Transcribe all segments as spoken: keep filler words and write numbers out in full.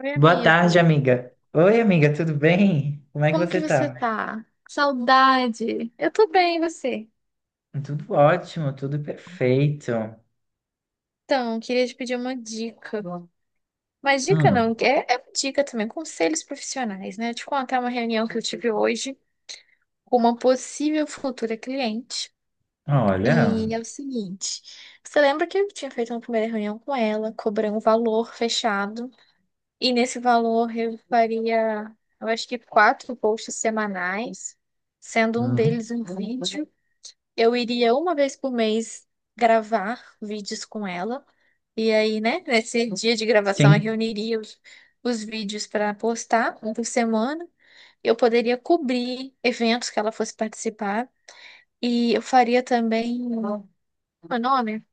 Oi, Boa amigo. tarde, amiga. Oi, amiga, tudo bem? Como é que Como que você você tá? tá? Saudade. Eu tô bem, e você? Tudo ótimo, tudo perfeito. Então, queria te pedir uma dica. Mas dica não, Hum, é, é uma dica também, conselhos profissionais, né? Te contar uma reunião que eu tive hoje com uma possível futura cliente. olha, E é o seguinte, você lembra que eu tinha feito uma primeira reunião com ela, cobrei um valor fechado, e nesse valor eu faria, eu acho que quatro posts semanais, sendo um hum, deles um vídeo. Eu iria uma vez por mês gravar vídeos com ela. E aí, né, nesse dia de gravação, eu sim. reuniria os, os vídeos para postar um por semana. Eu poderia cobrir eventos que ela fosse participar. E eu faria também, como é o nome?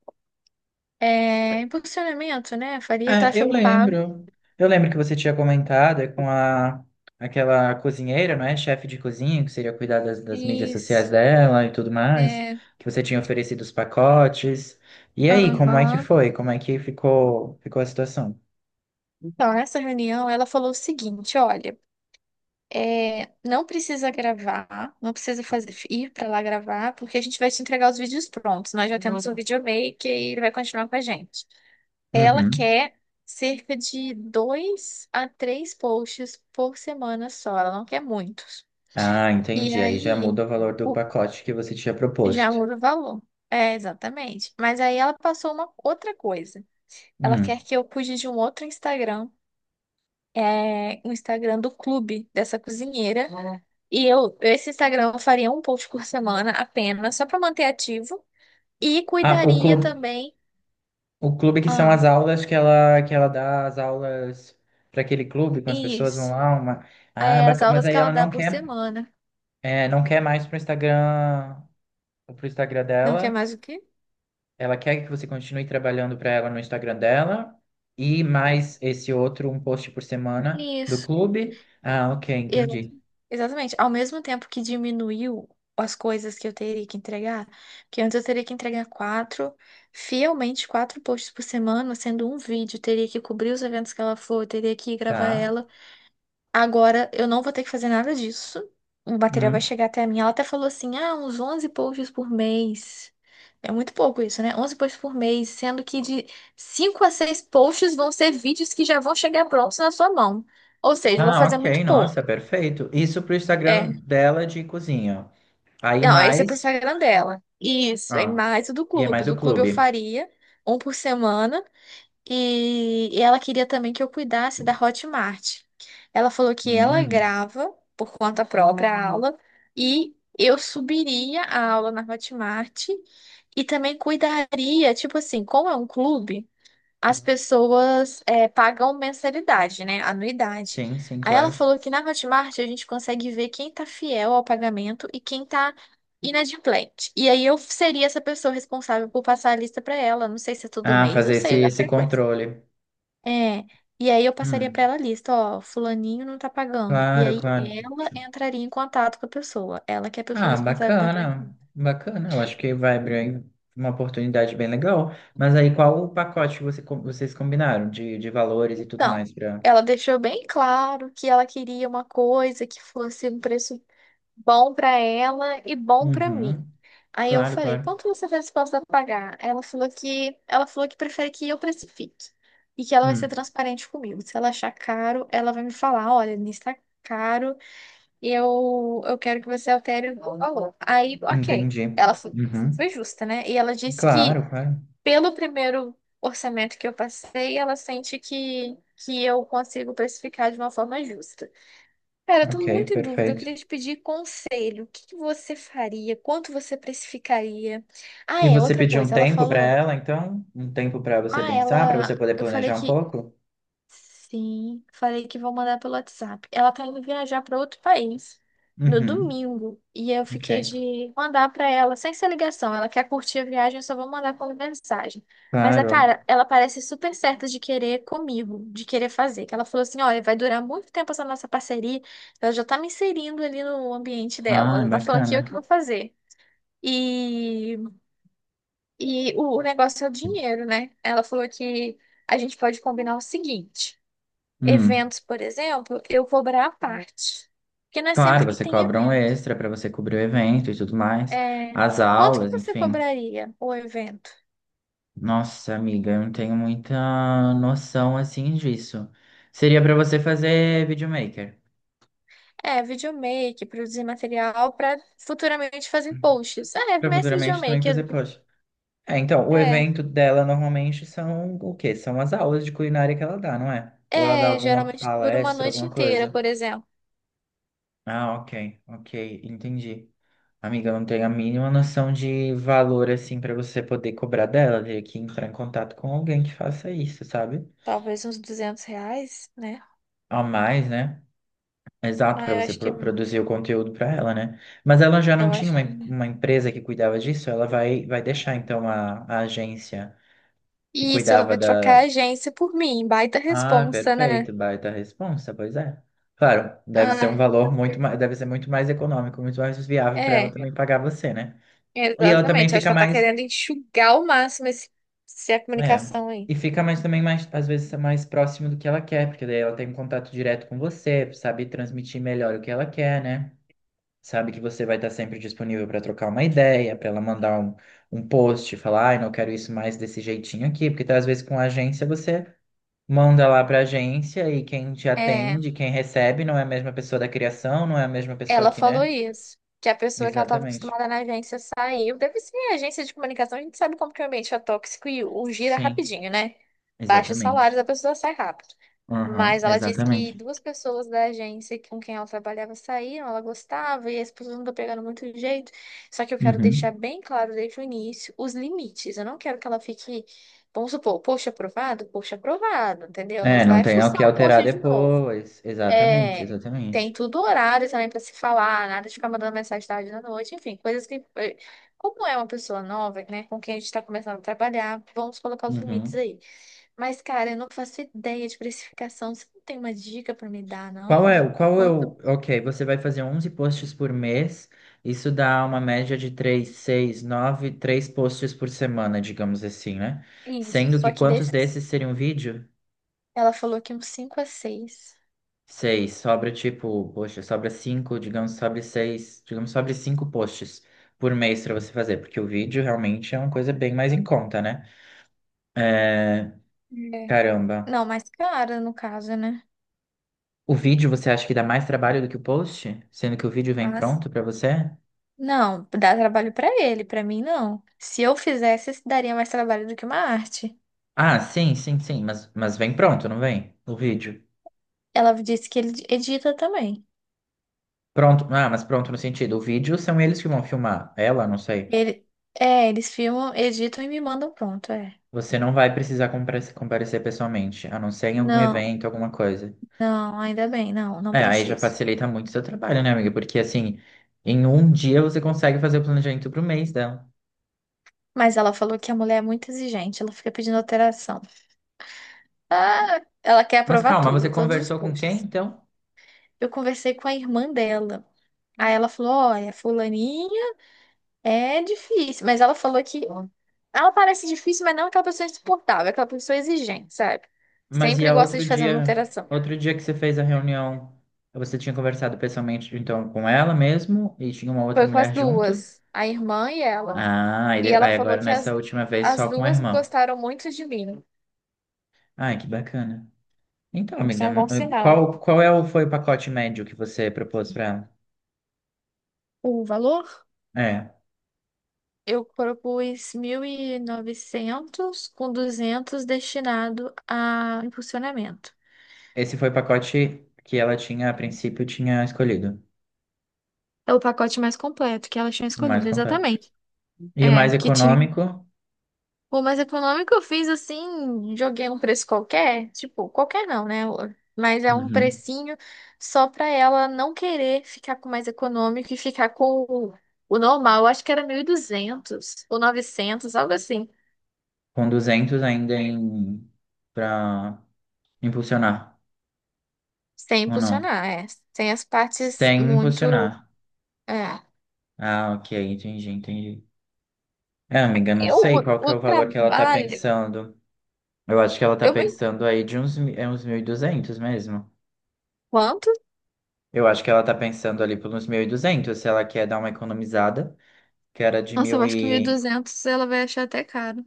É, impulsionamento, né? Faria É, eu tráfego pago. lembro. Eu lembro que você tinha comentado é, com a aquela cozinheira, não é? Chefe de cozinha, que seria cuidar das, das mídias sociais Isso. dela e tudo mais, É, que você tinha oferecido os pacotes. E aí, como é que aham. foi? Como é que ficou, ficou a situação? Então, nessa reunião, ela falou o seguinte: olha. É, não precisa gravar, não precisa fazer, ir para lá gravar, porque a gente vai te entregar os vídeos prontos. Nós já temos o videomaker e ele vai continuar com a gente. Ela Uhum. quer cerca de dois a três posts por semana só, ela não quer muitos. Ah, E entendi. Aí já aí muda o valor do o- pacote que você tinha já proposto. muda o valor. É, exatamente. Mas aí ela passou uma outra coisa. Ela Hum. quer que eu cuide de um outro Instagram, é, o Instagram do clube dessa cozinheira. Ah. E eu, esse Instagram eu faria um post por semana apenas, só para manter ativo. E Ah, o cuidaria clube, também. o clube que são Ah, as aulas que ela, que ela dá as aulas para aquele clube, com as pessoas vão isso. lá, uma... Ah, É, as bacana. Mas aulas que aí ela ela dá não por quer, semana. é, não quer mais pro Instagram, pro Instagram Não quer dela. mais o quê? Ela quer que você continue trabalhando para ela no Instagram dela e mais esse outro, um post por semana do Isso. clube. Ah, ok, Exa- entendi. Exatamente. Ao mesmo tempo que diminuiu as coisas que eu teria que entregar, que antes eu teria que entregar quatro, fielmente quatro posts por semana, sendo um vídeo, teria que cobrir os eventos que ela for, teria que gravar Tá. ela. Agora eu não vou ter que fazer nada disso. O material vai Hum. chegar até mim. Ela até falou assim: ah, uns onze posts por mês. É muito pouco isso, né? Onze posts por mês, sendo que de cinco a seis posts vão ser vídeos que já vão chegar prontos na sua mão. Ou seja, eu vou Ah, fazer muito ok, nossa, pouco. perfeito. Isso pro Instagram É. dela de cozinha. Aí Não, esse é pro mais, Instagram dela. Isso, é ah, mais o do e é clube. mais o Do clube eu clube. faria um por semana. E, e ela queria também que eu cuidasse da Hotmart. Ela falou que ela Hum, grava por conta própria a aula e eu subiria a aula na Hotmart e também cuidaria, tipo assim, como é um clube, as pessoas é, pagam mensalidade, né? Anuidade. sim, sim, Aí ela claro. falou que na Hotmart a gente consegue ver quem tá fiel ao pagamento e quem tá inadimplente. E aí eu seria essa pessoa responsável por passar a lista pra ela. Não sei se é todo Ah, mês, não fazer esse, sei a esse frequência. controle. É, e aí eu passaria pra Hum, ela a lista, ó, fulaninho não tá pagando. E claro, aí claro. ela entraria em contato com a pessoa, ela que é a pessoa Ah, responsável por entregar. bacana, bacana. Eu acho que vai abrir uma oportunidade bem legal. Mas aí, qual o pacote que você, com- vocês combinaram de, de valores e tudo Então, mais para... ela deixou bem claro que ela queria uma coisa que fosse um preço bom pra ela e bom pra Uhum, mim. Aí eu claro, falei, claro. quanto você tá disposta a pagar? Ela falou que ela falou que prefere que eu precifique e que ela vai ser Hum, transparente comigo. Se ela achar caro, ela vai me falar, olha, nisso tá caro, e eu, eu quero que você altere o valor. Aí, ok. entendi. Ela foi, Uhum, foi justa, né? E ela disse que, claro, claro. pelo primeiro orçamento que eu passei, ela sente que, que eu consigo precificar de uma forma justa. Cara, eu tô Ok, muito em dúvida. Eu perfeito. queria te pedir conselho. O que que você faria? Quanto você precificaria? Ah, E é, você outra pediu um coisa. Ela tempo para falou. ela, então? Um tempo para você Ah, pensar, para você ela. poder Eu falei planejar um que pouco? sim, falei que vou mandar pelo WhatsApp. Ela tá indo viajar para outro país no Uhum, domingo e eu ok. fiquei de mandar para ela sem ser ligação. Ela quer curtir a viagem, eu só vou mandar como mensagem. Mas a Claro, cara, ela parece super certa de querer comigo, de querer fazer. Que ela falou assim: olha, vai durar muito tempo essa nossa parceria. Ela já tá me inserindo ali no ambiente dela. Ela ah, já tá falando que eu que bacana. vou fazer. E, e o o negócio é o dinheiro, né? Ela falou que a gente pode combinar o seguinte. Hum. Eventos, por exemplo, eu cobrar à parte. Porque não é Claro, sempre que você tem cobra um evento. extra para você cobrir o evento e tudo mais. É. As Quanto que aulas, você enfim. cobraria o evento? Nossa, amiga, eu não tenho muita noção assim disso. Seria para você fazer videomaker, É, videomake, produzir material para futuramente fazer posts. Ah, é, para mas futuramente também videomake. fazer post. É, então, o É, evento dela normalmente são o quê? São as aulas de culinária que ela dá, não é? Ou ela dá é, alguma geralmente dura uma palestra, noite alguma inteira, coisa? por exemplo. Ah, ok, ok, entendi. Amiga, eu não tenho a mínima noção de valor, assim, pra você poder cobrar dela. Teria que entrar em contato com alguém que faça isso, sabe? Talvez uns duzentos reais, né? A mais, né? Exato, Ah, pra eu você acho que, pro- produzir o conteúdo pra ela, né? Mas ela já não eu tinha acho uma, em- que... uma empresa que cuidava disso? Ela vai, vai deixar, então, a, a agência que Isso, ela cuidava vai trocar a da. agência por mim. Baita Ah, responsa, perfeito, né? baita responsa, pois é. Claro, deve ser um Ah, valor muito mais, deve ser muito mais econômico, muito mais viável pra ela é. também pagar você, né? E ela também Exatamente. Acho fica que ela tá mais querendo enxugar ao máximo esse, essa é. comunicação aí. E fica mais também mais, às vezes, mais próximo do que ela quer, porque daí ela tem um contato direto com você, sabe transmitir melhor o que ela quer, né? Sabe que você vai estar sempre disponível para trocar uma ideia, para ela mandar um, um post, falar, ai, não quero isso mais desse jeitinho aqui, porque tá, às vezes com a agência você manda lá para a agência e quem te É. atende, quem recebe, não é a mesma pessoa da criação, não é a mesma pessoa Ela que, falou né? isso, que a pessoa que ela estava Exatamente. acostumada na agência saiu. Deve ser agência de comunicação, a gente sabe como que o ambiente é tóxico e o gira Sim, rapidinho, né? Baixa os salários, exatamente. a pessoa sai rápido. Aham, Mas ela disse que exatamente. duas pessoas da agência com quem ela trabalhava saíram, ela gostava, e as pessoas não estão pegando muito jeito. Só que eu quero deixar Uhum. bem claro desde o início os limites. Eu não quero que ela fique, vamos supor, poxa aprovado, poxa aprovado, entendeu? Não É, não vai tem o fuçar que o alterar poxa de novo. depois. Exatamente, É, tem exatamente. tudo horário também pra se falar, nada de ficar mandando mensagem tarde da noite, enfim, coisas que, eh, como é uma pessoa nova, né, com quem a gente tá começando a trabalhar, vamos colocar os limites Uhum. aí. Mas, cara, eu não faço ideia de precificação, você não tem uma dica pra me dar, Qual não? é, De o- qual é quanto? o... Ok, você vai fazer onze posts por mês. Isso dá uma média de três, seis, nove, três posts por semana, digamos assim, né? É, isso, Sendo que só que quantos desses desses, seriam vídeo? ela falou que uns cinco a seis. Seis. Sobra tipo, poxa, sobra cinco, digamos, sobra seis, digamos, sobra cinco posts por mês pra você fazer, porque o vídeo realmente é uma coisa bem mais em conta, né? É... É. Caramba. Não, mais cara, no caso, né? O vídeo você acha que dá mais trabalho do que o post? Sendo que o vídeo vem Mas, pronto pra você? não, dá trabalho pra ele, pra mim não. Se eu fizesse, isso daria mais trabalho do que uma arte. Ah, sim, sim, sim, mas, mas vem pronto, não vem? O vídeo. Ela disse que ele edita também. Pronto, ah, mas pronto no sentido, o vídeo são eles que vão filmar, ela, não sei. Ele, é, Eles filmam, editam e me mandam pronto, é. Você não vai precisar compare- comparecer pessoalmente, a não ser em algum Não, evento, alguma coisa. não, ainda bem, não, não É, aí já preciso. facilita muito o seu trabalho, né, amiga? Porque assim, em um dia você consegue fazer o planejamento pro mês dela. Mas ela falou que a mulher é muito exigente, ela fica pedindo alteração. Ah, ela quer Mas aprovar calma, você tudo, todos os conversou com quem, posts. então? Eu conversei com a irmã dela. Aí ela falou: olha, fulaninha é difícil. Mas ela falou que ela parece difícil, mas não aquela pessoa insuportável, aquela pessoa exigente, sabe? Mas e Sempre a gosta outro de fazer uma dia, alteração. outro dia que você fez a reunião, você tinha conversado pessoalmente então com ela mesmo e tinha uma outra Foi com as mulher junto? duas, a irmã e ela. Ah, e E de- ela aí falou agora que nessa as, última vez as só com a duas irmã. gostaram muito de mim. Ai, que bacana. Então, Isso é amiga, um bom mo- eh, sinal. qual qual é o foi o pacote médio que você propôs para ela? O valor? É, Eu propus mil e novecentos com duzentos destinado a impulsionamento. esse foi o pacote que ela tinha a princípio tinha escolhido, É o pacote mais completo que elas tinham o mais escolhido, completo. exatamente. E o É, mais que tinha econômico, O mais econômico eu fiz assim, joguei um preço qualquer, tipo, qualquer não, né? Mas é um uhum. precinho só pra ela não querer ficar com o mais econômico e ficar com o, o normal. Eu acho que era mil e duzentos ou novecentos algo assim. Com duzentos ainda em para impulsionar Sem ou não? impulsionar, é. Sem as partes Sem impulsionar. muito. É. Ah, ok, entendi, entendi. É, amiga, não Eu, sei qual que o, é o o valor que ela tá trabalho. pensando. Eu acho que ela tá Eu, pensando aí de uns, mi- é uns mil e duzentos mesmo. enquanto. Eu acho que ela tá pensando ali por uns mil e duzentos, se ela quer dar uma economizada, que era de Nossa, eu mil acho que mil e e... duzentos ela vai achar até caro.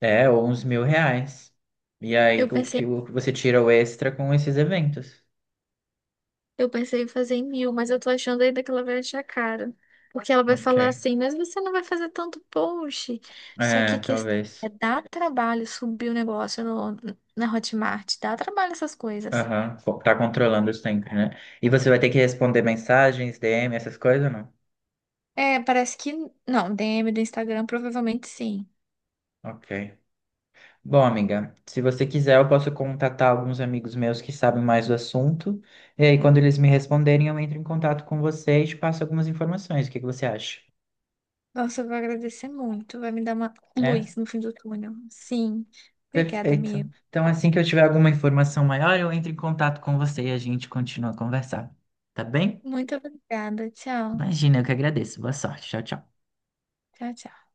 É, ou uns mil reais. E Eu aí, o pensei que o que você tira o extra com esses eventos. Eu pensei em fazer em mil, mas eu tô achando ainda que ela vai achar caro. Porque ela vai Ok. falar assim, mas você não vai fazer tanto post. Só que É, a questão talvez. é dá trabalho subir o negócio no, na Hotmart, dá trabalho essas coisas. Aham. Pô, tá controlando os tempos, né? E você vai ter que responder mensagens, D M, essas coisas ou não? É, parece que. Não, D M do Instagram, provavelmente sim. Ok. Bom, amiga, se você quiser, eu posso contatar alguns amigos meus que sabem mais do assunto. E aí, quando eles me responderem, eu entro em contato com você e te passo algumas informações. O que que você acha? Nossa, eu vou agradecer muito. Vai me dar uma É? luz no fim do túnel. Sim. Obrigada, Perfeito. Mia. Então, assim que eu tiver alguma informação maior, eu entro em contato com você e a gente continua a conversar. Tá bem? Muito obrigada. Tchau. Imagina, eu que agradeço. Boa sorte. Tchau, tchau. Tchau, tchau.